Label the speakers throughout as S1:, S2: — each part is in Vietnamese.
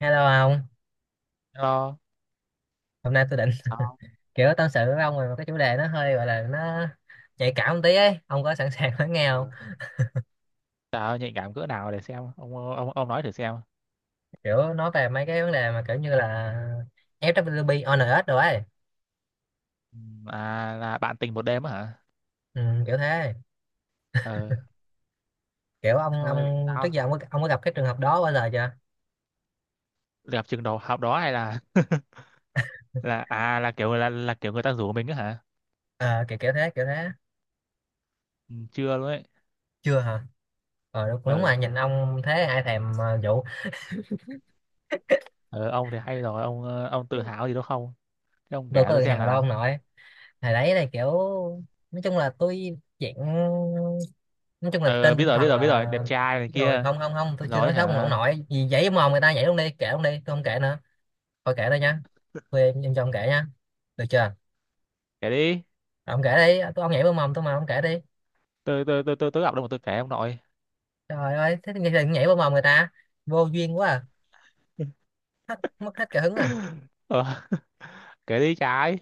S1: Hello ông,
S2: Hello,
S1: hôm nay tôi định
S2: sao?
S1: kiểu tâm sự với ông về một cái chủ đề nó hơi gọi là nó nhạy cảm một tí ấy, ông có sẵn sàng lắng nghe không?
S2: Ờ, Trời ơi, nhạy cảm cỡ nào để xem ông nói thử xem.
S1: Kiểu nói về mấy cái vấn đề mà kiểu như là ép vê kép pê, O FWB, ONS rồi ấy,
S2: À là bạn tình một đêm á hả?
S1: ừ, kiểu thế.
S2: Ờ,
S1: Kiểu ông
S2: thôi
S1: trước
S2: sao?
S1: giờ ông có gặp cái trường hợp đó bao giờ chưa?
S2: Đẹp chừng đầu học đó hay là là à là kiểu người ta rủ mình á hả?
S1: Ờ, kiểu kiểu thế kiểu thế.
S2: Ừ, chưa luôn ấy.
S1: Chưa hả? Ờ đúng, đúng
S2: Ờ,
S1: rồi, nhìn ông thế ai thèm vụ
S2: ờ, ông thì hay rồi, ông tự hào gì đâu không? Thế ông kể
S1: tôi có
S2: tôi
S1: tự
S2: xem
S1: hào đâu
S2: nào.
S1: ông nội. Hồi đấy là kiểu nói chung là tôi dạng nói chung là
S2: Ờ,
S1: trên
S2: biết
S1: tinh
S2: rồi, biết
S1: thần
S2: rồi, biết rồi,
S1: là
S2: đẹp trai này
S1: đúng rồi,
S2: kia.
S1: không không không, tôi chưa nói
S2: Rồi
S1: xấu ông
S2: hả?
S1: nội gì, giấy mồm người ta vậy luôn, đi kể luôn đi, tôi không kể nữa. Thôi kể đây nha, em cho ông kể nha, được chưa?
S2: Kể đi.
S1: Ông kể đi, tôi ông nhảy vào mồm tôi mà ông kể đi.
S2: Tôi đọc đâu mà tôi kể ông nội.
S1: Trời ơi thế thì đừng nhảy vào mồm người ta, vô duyên quá à. Hết, mất hết cả hứng à.
S2: Ờ, kể đi trái.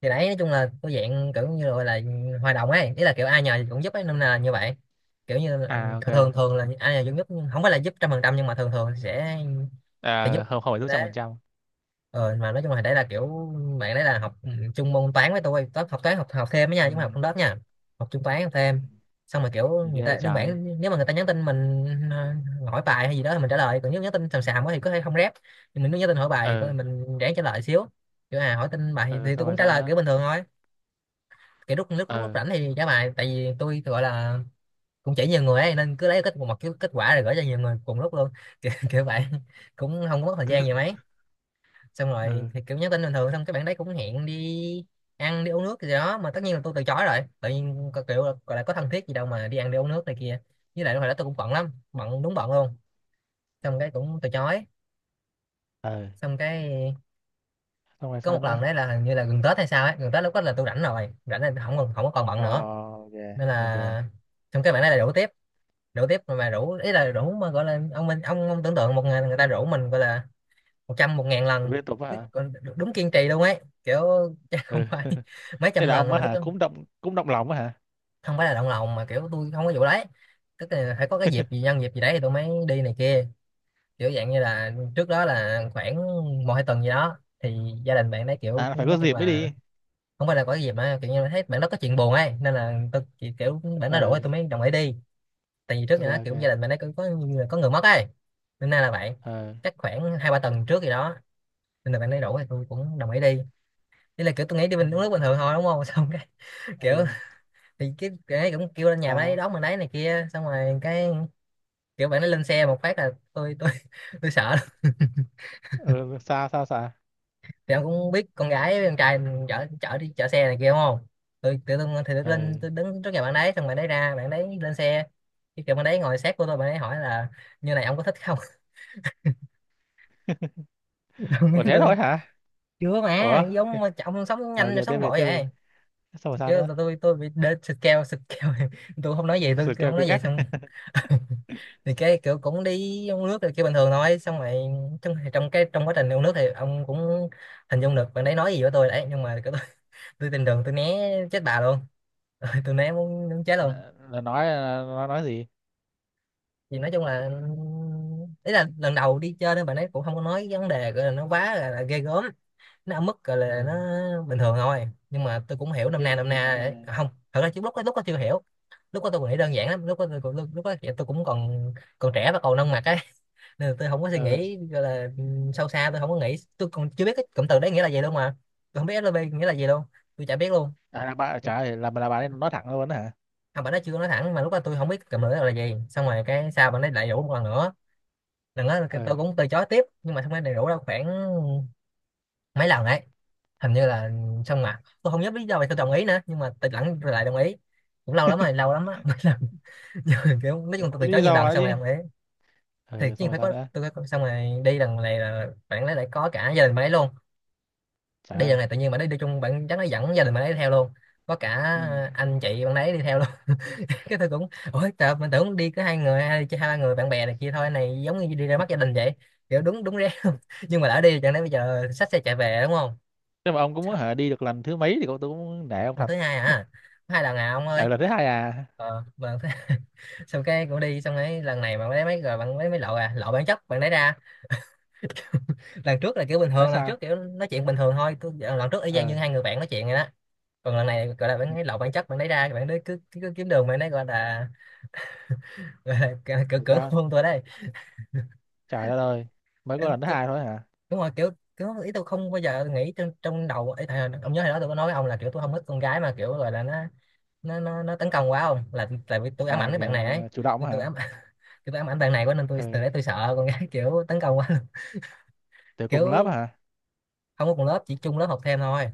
S1: Thì đấy nói chung là tôi dạng kiểu như là, gọi là hòa đồng ấy, ý là kiểu ai nhờ thì cũng giúp ấy nên là như vậy, kiểu như là,
S2: À, ok.
S1: thường thường là ai nhờ cũng giúp nhưng không phải là giúp trăm phần trăm, nhưng mà thường thường sẽ giúp
S2: À, không không phải lúc trăm
S1: thế.
S2: phần trăm.
S1: Ờ, mà nói chung là đấy là kiểu bạn đấy là học chung môn toán với tôi, toán học học thêm đó nha,
S2: Ừ.
S1: chứ không học trong lớp nha. Học chung toán học
S2: Ừ.
S1: thêm, xong rồi kiểu
S2: Thì
S1: người
S2: ghê vậy
S1: ta đơn
S2: trái?
S1: giản nếu mà người ta nhắn tin mình ờ, hỏi bài hay gì đó thì mình trả lời, còn nếu nhắn tin xàm xàm quá thì có thể không rep, nhưng mình nếu nhắn tin hỏi bài thì
S2: Ờ.
S1: mình ráng trả lời xíu. Kiểu à, hỏi tin bài
S2: Ờ.
S1: thì tôi
S2: Xong
S1: cũng
S2: rồi
S1: trả
S2: sao
S1: lời
S2: nữa?
S1: kiểu bình thường thôi, kiểu lúc
S2: Ờ.
S1: rảnh thì trả bài, tại vì tôi gọi là cũng chỉ nhiều người ấy nên cứ lấy kết một cái kết quả rồi gửi cho nhiều người cùng lúc luôn kiểu vậy, cũng không có mất thời gian gì mấy. Xong
S2: Ờ.
S1: rồi thì kiểu nhắn tin bình thường, xong cái bạn đấy cũng hẹn đi ăn đi uống nước gì đó, mà tất nhiên là tôi từ chối rồi, tự nhiên có kiểu gọi là có thân thiết gì đâu mà đi ăn đi uống nước này kia. Với lại lúc hồi đó tôi cũng bận lắm, bận đúng bận luôn, xong cái cũng từ chối.
S2: Ờ.
S1: Xong cái
S2: Xong rồi
S1: có
S2: sao
S1: một lần
S2: nữa?
S1: đấy là hình như là gần Tết hay sao ấy, gần Tết lúc đó là tôi rảnh rồi, rảnh là không còn, không có còn bận
S2: Ờ,
S1: nữa,
S2: ok,
S1: nên
S2: ok.
S1: là xong cái bạn đấy là rủ tiếp. Rủ tiếp mà rủ ý là rủ mà gọi là ông mình ông tưởng tượng một ngày người ta rủ mình gọi là một trăm một ngàn
S2: Tôi
S1: lần.
S2: biết tục á hả?
S1: Còn đúng kiên trì luôn ấy kiểu, chứ không
S2: Ừ.
S1: phải mấy
S2: Thế
S1: trăm
S2: là ông
S1: lần
S2: á
S1: mà lúc
S2: hả,
S1: đó
S2: cũng động lòng á hả?
S1: không phải là động lòng mà kiểu tôi không có vụ đấy, tức là phải có cái dịp gì, nhân dịp gì đấy thì tôi mới đi này kia. Kiểu dạng như là trước đó là khoảng một hai tuần gì đó thì gia đình bạn đấy kiểu
S2: À, là phải
S1: nói
S2: có
S1: chung
S2: dịp mới đi.
S1: là không phải là có cái dịp mà kiểu như là thấy bạn đó có chuyện buồn ấy, nên là tôi chỉ kiểu bạn nó rủ thì
S2: Ờ,
S1: tôi mới đồng ý đi. Tại vì trước thì
S2: ok,
S1: nó
S2: ok.
S1: kiểu gia đình bạn đấy cũng có người mất ấy, nên là bạn
S2: Ờ.
S1: chắc khoảng hai ba tuần trước gì đó, nên là bạn ấy rủ thì tôi cũng đồng ý đi. Đây là kiểu tôi nghĩ đi
S2: Ờ.
S1: bình uống nước bình thường thôi đúng không, xong cái
S2: Ờ,
S1: kiểu thì cái ấy cũng kêu lên nhà bạn ấy
S2: sao?
S1: đón mình đấy này kia, xong rồi cái kiểu bạn ấy lên xe một phát là tôi tôi sợ lắm.
S2: Ờ. Sao, sao, sao?
S1: Thì ông cũng biết con gái với con trai mình chở chở đi chở xe này kia đúng không. Tôi tự dưng thì tôi
S2: Ờ.
S1: lên, tôi đứng trước nhà bạn đấy xong bạn đấy ra, bạn đấy lên xe, cái kiểu bạn đấy ngồi sát của tôi, bạn ấy hỏi là như này ông có thích không. Tôi nói
S2: Ủa, thế
S1: tôi
S2: thôi hả?
S1: chưa mà
S2: Ủa.
S1: giống mà ông sống
S2: Ờ, ok,
S1: nhanh rồi,
S2: tiếp
S1: sống
S2: về,
S1: vội
S2: tiếp về.
S1: vậy.
S2: Xong rồi
S1: Chứ
S2: sao nữa?
S1: tôi bị đến scale scale tôi không nói gì, tôi,
S2: Sự
S1: tôi
S2: kêu
S1: không
S2: cứ
S1: nói gì
S2: ngắt.
S1: xong. Thì cái kiểu cũng đi uống nước rồi kiểu bình thường thôi, xong rồi trong trong cái trong quá trình uống nước thì ông cũng hình dung được bạn đấy nói gì với tôi đấy, nhưng mà kiểu tôi, tôi tình đường tôi né chết bà luôn, tôi né muốn chết luôn.
S2: Là, nói nó nói gì?
S1: Thì nói chung là ý là lần đầu đi chơi nên bạn ấy cũng không có nói vấn đề gọi là nó quá là ghê gớm, nó ở mức gọi
S2: Ừ,
S1: là nó bình thường thôi, nhưng mà tôi cũng hiểu nôm
S2: thì
S1: na, nôm
S2: nó
S1: na
S2: nói.
S1: đấy. À, không, thật ra chứ lúc đó chưa hiểu. Lúc đó tôi còn nghĩ đơn giản lắm, lúc đó tôi lúc đó tôi cũng còn còn trẻ và còn nông mặt ấy, nên là tôi không có suy nghĩ gọi là
S2: Ờ.
S1: sâu xa, tôi không có nghĩ, tôi còn chưa biết cái cụm từ đấy nghĩa là gì luôn mà. Tôi không biết SLV nghĩa là gì luôn, tôi chả biết luôn.
S2: À, là bà trả lời là, bà ấy nói thẳng luôn đó hả?
S1: Không, bạn nó chưa nói thẳng mà lúc đó tôi không biết cụm từ đó là gì, xong rồi cái sao bạn ấy lại rủ một lần nữa. Lần đó tôi
S2: Ừ.
S1: cũng từ chối tiếp nhưng mà không phải đầy đủ đâu, khoảng mấy lần đấy hình như là xong, mà tôi không nhớ lý do vì tôi đồng ý nữa, nhưng mà tôi lẫn lại đồng ý, cũng lâu lắm rồi, lâu lắm á, mấy lần. Nhưng kiểu nói chung
S2: Không
S1: tôi
S2: biết
S1: từ chối
S2: lý
S1: nhiều
S2: do
S1: lần
S2: nữa
S1: xong rồi
S2: chứ.
S1: đồng ý. Thì
S2: Ừ,
S1: chứ
S2: xong rồi
S1: phải
S2: sao
S1: có,
S2: nữa?
S1: tôi phải xong rồi đi lần này là bạn ấy lại có cả gia đình bạn ấy luôn.
S2: Trời
S1: Đi lần
S2: ơi.
S1: này tự nhiên bạn ấy đi chung, bạn chắc nó dẫn gia đình bạn ấy theo luôn, có cả
S2: Ừ.
S1: anh chị bạn ấy đi theo luôn. Cái tôi cũng ôi trời, mình tưởng đi có hai người, hai hai ba người bạn bè này kia thôi, này giống như đi ra mắt gia đình vậy, kiểu đúng đúng ré luôn. Nhưng mà đã đi chẳng lẽ bây giờ xách xe chạy về đúng không.
S2: Nếu mà ông cũng muốn hả, đi được lần thứ mấy thì cũng, tôi cũng nể ông
S1: Lần
S2: thật.
S1: thứ hai à, có hai lần à ông ơi.
S2: Ở lần thứ hai à?
S1: Ờ bạn xong cái cũng đi, xong ấy lần này bạn lấy mấy rồi, bạn lấy mấy lậu à, lậu bản chất bạn lấy ra. Lần trước là kiểu bình
S2: Nói
S1: thường, lần
S2: sao?
S1: trước kiểu nói chuyện bình thường thôi lần trước y chang như
S2: Ừ.
S1: hai người bạn nói chuyện rồi đó. Còn lần này gọi là bạn
S2: Ừ.
S1: lấy lậu bản chất bạn lấy ra, bạn đấy cứ kiếm đường, bạn đấy gọi là gọi là cỡ cỡ
S2: Tại
S1: cỡ
S2: sao?
S1: hôn tôi đây.
S2: Trời đất ơi, mới có lần thứ
S1: Tôi,
S2: hai thôi hả?
S1: đúng rồi kiểu, kiểu ý tôi không bao giờ nghĩ trong trong đầu ấy thầy, ông nhớ hồi đó tôi có nói với ông là kiểu tôi không thích con gái mà kiểu gọi là nó tấn công quá không, là tại vì tôi
S2: À
S1: ám ảnh cái bạn
S2: kìa,
S1: này ấy.
S2: chủ động
S1: tôi
S2: á
S1: tôi
S2: hả?
S1: ám tôi ám ảnh bạn này quá nên tôi
S2: Ừ.
S1: từ đấy tôi sợ con gái, kiểu tấn công quá luôn.
S2: Từ cùng lớp
S1: Kiểu
S2: hả?
S1: không có cùng lớp, chỉ chung lớp học thêm thôi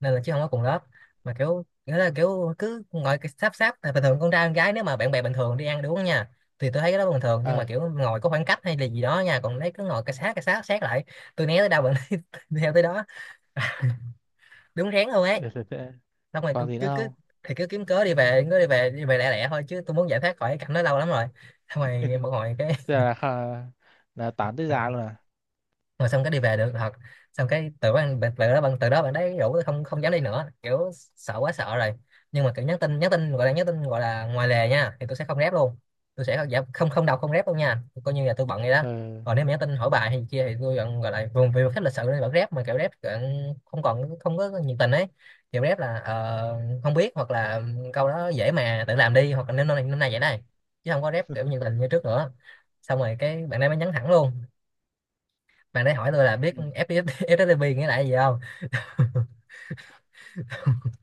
S1: nên là, chứ không có cùng lớp. Mà kiểu nghĩa là kiểu cứ ngồi cái sáp sáp. Tại bình thường con trai con gái nếu mà bạn bè bình thường đi ăn đi uống nha, thì tôi thấy cái đó bình thường, nhưng mà
S2: Ừ.
S1: kiểu ngồi có khoảng cách hay là gì đó nha, còn đấy cứ ngồi cái sát sát lại. Tôi né tới đâu bạn theo tới đó, đúng rén luôn ấy.
S2: Được, được, được.
S1: Xong rồi
S2: Còn
S1: cứ
S2: gì nữa
S1: cứ, cứ
S2: không?
S1: thì cứ kiếm cớ đi về, cứ đi về lẻ lẻ thôi, chứ tôi muốn giải thoát khỏi cái cảnh đó lâu lắm rồi. Xong rồi một hồi cái
S2: Tức là là tán tới già luôn à?
S1: rồi xong cái đi về được thật. Xong cái từ đó bạn, từ đó bạn đấy rủ tôi, không không dám đi nữa kiểu, sợ quá sợ rồi. Nhưng mà kiểu nhắn tin gọi là nhắn tin gọi là ngoài lề nha, thì tôi sẽ không rep luôn. Tôi sẽ không, dạ, không không đọc không rep luôn nha, coi như là tôi bận vậy đó.
S2: Ừ.
S1: Còn nếu mà nhắn tin hỏi bài hay gì kia thì tôi vẫn gọi là vùng vì khách lịch sự nên vẫn rep, mà kiểu rep kiểu không còn không có nhiệt tình ấy. Kiểu rep là ờ, không biết, hoặc là câu đó dễ mà tự làm đi, hoặc là năm nay vậy này, chứ không có rep kiểu nhiệt tình như trước nữa. Xong rồi cái bạn ấy mới nhắn thẳng luôn. Bạn đấy hỏi tôi là biết
S2: Ừ.
S1: FTP, FTP nghĩa là gì không.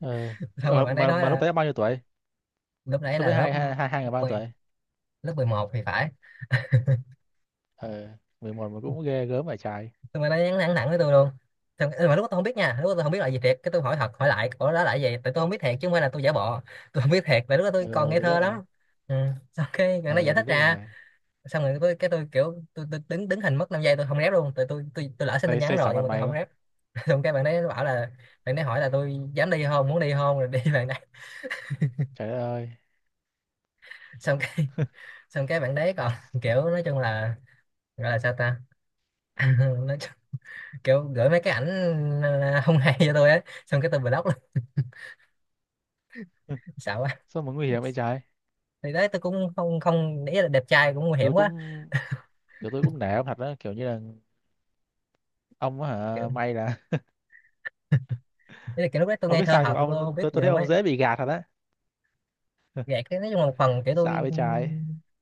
S2: Ừ.
S1: Xong rồi
S2: Ờ,
S1: bạn đấy
S2: mà
S1: nói
S2: mà lúc
S1: là
S2: đấy bao nhiêu tuổi?
S1: lúc đấy
S2: Lúc
S1: là
S2: đấy
S1: lớp
S2: hai hai hai hai người bao nhiêu
S1: mười
S2: tuổi?
S1: lớp 11 thì phải.
S2: Ờ, 11 mà cũng ghê gớm phải trái.
S1: Xong rồi nó nhắn thẳng thẳng với tôi luôn. Xong, ừ, mà lúc đó tôi không biết nha, lúc đó tôi không biết là gì thiệt, cái tôi hỏi thật hỏi lại ủa đó là cái gì, tại tôi không biết thiệt chứ không phải là tôi giả bộ. Tôi không biết thiệt, tại lúc đó tôi còn
S2: Ờ,
S1: ngây
S2: tôi biết
S1: thơ
S2: là.
S1: lắm. Ừ. Xong cái gần đó giải
S2: Ờ, tôi
S1: thích
S2: biết
S1: ra.
S2: rồi.
S1: Xong rồi tôi, cái tôi kiểu tôi đứng đứng hình mất 5 giây, tôi không rep luôn, tại tôi lỡ xin tin
S2: Xây,
S1: nhắn
S2: xây xả
S1: rồi nhưng
S2: mặt
S1: mà tôi
S2: mày
S1: không
S2: quá.
S1: rep. Xong cái bạn đấy bảo là, bạn đấy hỏi là tôi dám đi không, muốn đi không rồi đi. Bạn đấy,
S2: Trời đất ơi.
S1: xong cái, xong cái bạn đấy còn kiểu nói chung là gọi là sao ta. Nói chung, kiểu gửi mấy cái ảnh ờ, không hay cho tôi ấy, xong cái tôi block luôn. Sợ quá.
S2: Sao mà nguy hiểm vậy trái.
S1: Thì đấy tôi cũng không không để ý là đẹp trai cũng nguy hiểm
S2: Tôi
S1: quá.
S2: cũng, kiểu tôi cũng nể ông thật đó, kiểu như là ông á
S1: Kiểu,
S2: hả, may là.
S1: ý là kiểu lúc đấy tôi
S2: Không
S1: ngây
S2: biết
S1: thơ
S2: sao, nhưng
S1: hợp,
S2: mà
S1: tôi
S2: ông,
S1: không biết
S2: tôi
S1: gì
S2: tôi thấy
S1: luôn
S2: ông
S1: ấy.
S2: dễ bị gạt thật á.
S1: Gạt cái nói chung là một phần kiểu
S2: Xả
S1: tôi,
S2: vậy
S1: ừ,
S2: trái.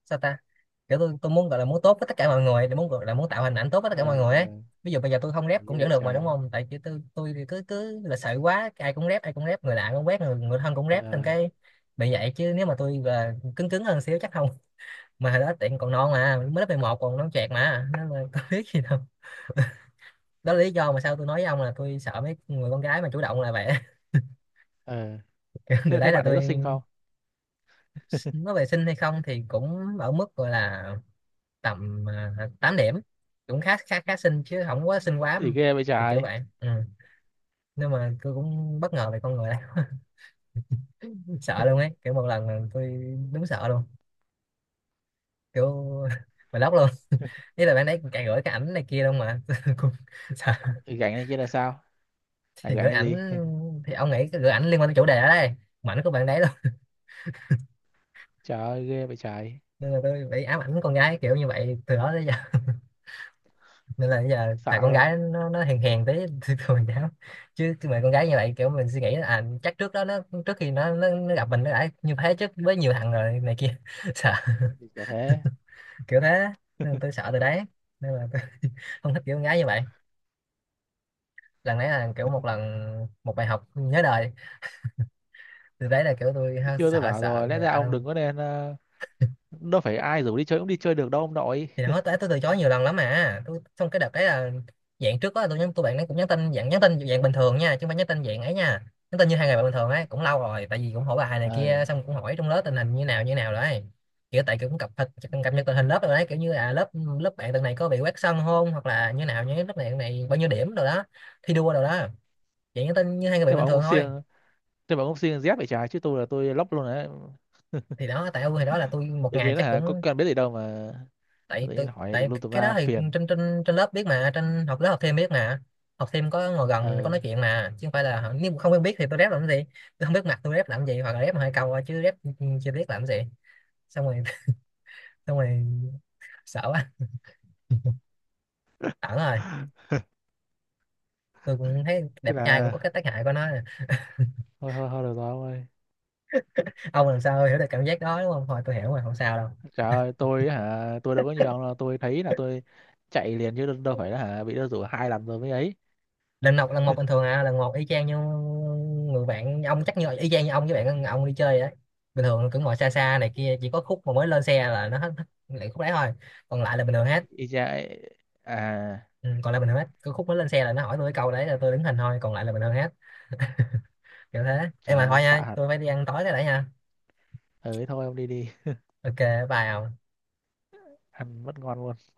S1: sao ta, kiểu tôi muốn gọi là muốn tốt với tất cả mọi người, để muốn gọi là muốn tạo hình ảnh tốt với tất
S2: Ờ.
S1: cả mọi người ấy.
S2: Ờ.
S1: Ví dụ bây giờ tôi không rep cũng
S2: Ghê
S1: vẫn
S2: vậy
S1: được
S2: trái.
S1: mà đúng không, tại chứ tôi thì cứ cứ là sợ quá, ai cũng rep, ai cũng rep, người lạ cũng quét, người người thân cũng
S2: Ờ.
S1: rep, thành cái bị vậy. Chứ nếu mà tôi là cứng cứng hơn xíu chắc không. Mà hồi đó tiện còn non mà, mới lớp 11 còn non chẹt mà nên là có biết gì đâu. Đó là lý do mà sao tôi nói với ông là tôi sợ mấy người con gái mà chủ động là vậy.
S2: Ờ.
S1: Từ
S2: thế thế
S1: đấy là
S2: bạn đấy
S1: tôi
S2: có xinh không?
S1: nói về sinh hay không thì cũng ở mức gọi là tầm 8 điểm, cũng khá khá khá xinh chứ không quá xinh quá.
S2: Gì ghê vậy
S1: Thì kiểu
S2: trái.
S1: vậy, ừ. Nhưng mà tôi cũng bất ngờ về con người này. Sợ luôn ấy, kiểu một lần là tôi đúng sợ luôn, kiểu mà lóc luôn. Ý là bạn đấy càng gửi cái ảnh này kia luôn mà cũng sợ.
S2: Gánh này kia là sao? Này
S1: Thì
S2: gánh
S1: gửi
S2: cái
S1: ảnh,
S2: gì?
S1: thì ông nghĩ cái gửi ảnh liên quan tới chủ đề ở đây, mà ảnh của bạn đấy luôn.
S2: Trời ơi ghê vậy trái.
S1: Nên là tôi bị ám ảnh con gái kiểu như vậy từ đó tới giờ. Nên là bây giờ thằng
S2: Xả
S1: con
S2: luôn.
S1: gái nó hèn hèn tí thì thường cháu. Chứ chứ mà con gái như vậy kiểu mình suy nghĩ là, à chắc trước đó nó, trước khi nó gặp mình nó đã như thế chứ, với nhiều thằng rồi này kia. Sợ,
S2: Gì chả thế.
S1: kiểu thế. Nên tôi sợ từ đấy, nên là tôi không thích kiểu con gái như vậy. Lần đấy là kiểu một lần, một bài học nhớ đời. Từ đấy là kiểu tôi
S2: Chứ
S1: ha,
S2: chưa, tôi
S1: sợ
S2: bảo
S1: sợ
S2: rồi, lẽ
S1: người
S2: ra
S1: lạ
S2: ông
S1: luôn.
S2: đừng có nên, ờ, đâu phải ai rủ đi chơi cũng đi chơi được đâu ông nội.
S1: Thì đó tôi từ chối nhiều lần lắm mà, tôi xong cái đợt đấy là dạng trước đó tôi nhắn, tôi bạn ấy cũng nhắn tin dạng bình thường nha, chứ không phải nhắn tin dạng ấy nha. Nhắn tin như hai ngày bạn bình thường ấy, cũng lâu rồi tại vì cũng hỏi bài này
S2: Ờ.
S1: kia, xong cũng hỏi trong lớp tình hình như nào đấy. Kiểu tại kiểu cũng cập nhật tình hình lớp rồi đấy, kiểu như à lớp, lớp bạn tuần này có bị quét sân không, hoặc là như nào, như lớp này tuần này bao nhiêu điểm rồi đó, thi đua rồi đó. Dạng nhắn tin như hai người bạn
S2: thế mà
S1: bình
S2: ông
S1: thường
S2: cũng
S1: thôi.
S2: siêng thế mà ông cũng siêng dép vậy trái chứ tôi là tôi lóc luôn đấy
S1: Thì đó tại ưu, thì đó là tôi một
S2: tự
S1: ngày
S2: nhiên
S1: chắc
S2: hả có
S1: cũng,
S2: cần biết gì đâu mà tự
S1: tại
S2: nhiên
S1: tôi
S2: hỏi tùm
S1: tại
S2: lum tùm
S1: cái đó
S2: la
S1: thì
S2: phiền
S1: trên trên trên lớp biết mà, trên học lớp học thêm biết mà, học thêm có ngồi gần có
S2: ờ
S1: nói chuyện mà, chứ không phải là nếu mà không quen biết thì tôi rep làm cái gì. Tôi không biết mặt tôi rep làm gì, hoặc là rep hai câu thôi, chứ rep chưa biết làm cái gì. Xong rồi xong rồi sợ quá, ẩn rồi. Tôi cũng thấy
S2: tức
S1: đẹp trai cũng
S2: là
S1: có cái tác hại của nó.
S2: thôi, thôi, thôi được rồi ông ơi.
S1: Ông làm sao hiểu được cảm giác đó đúng không, thôi tôi hiểu rồi không sao đâu.
S2: Trời ơi, tôi hả? Tôi đâu có nhiều ông đâu, tôi thấy là tôi chạy liền, chứ đâu đâu phải là hả bị nó rủ 2 lần rồi mới ấy.
S1: Lần một, lần một bình thường à, lần một y chang như người bạn ông, chắc như y chang như ông với bạn ông đi chơi đấy, bình thường cứ ngồi xa xa này kia, chỉ có khúc mà mới lên xe là nó hết hết lại khúc đấy thôi, còn lại là bình thường hết.
S2: Y chang ấy. À.
S1: Ừ, còn lại bình thường hết, cứ khúc mới lên xe là nó hỏi tôi cái câu đấy là tôi đứng hình thôi, còn lại là bình thường hết. Kiểu thế em
S2: Trời
S1: mà,
S2: ơi
S1: thôi
S2: xạ
S1: nha
S2: hạt.
S1: tôi phải đi ăn tối cái đã nha.
S2: Ừ, thôi ông đi đi.
S1: Ok, bye ông.
S2: Ăn mất ngon luôn.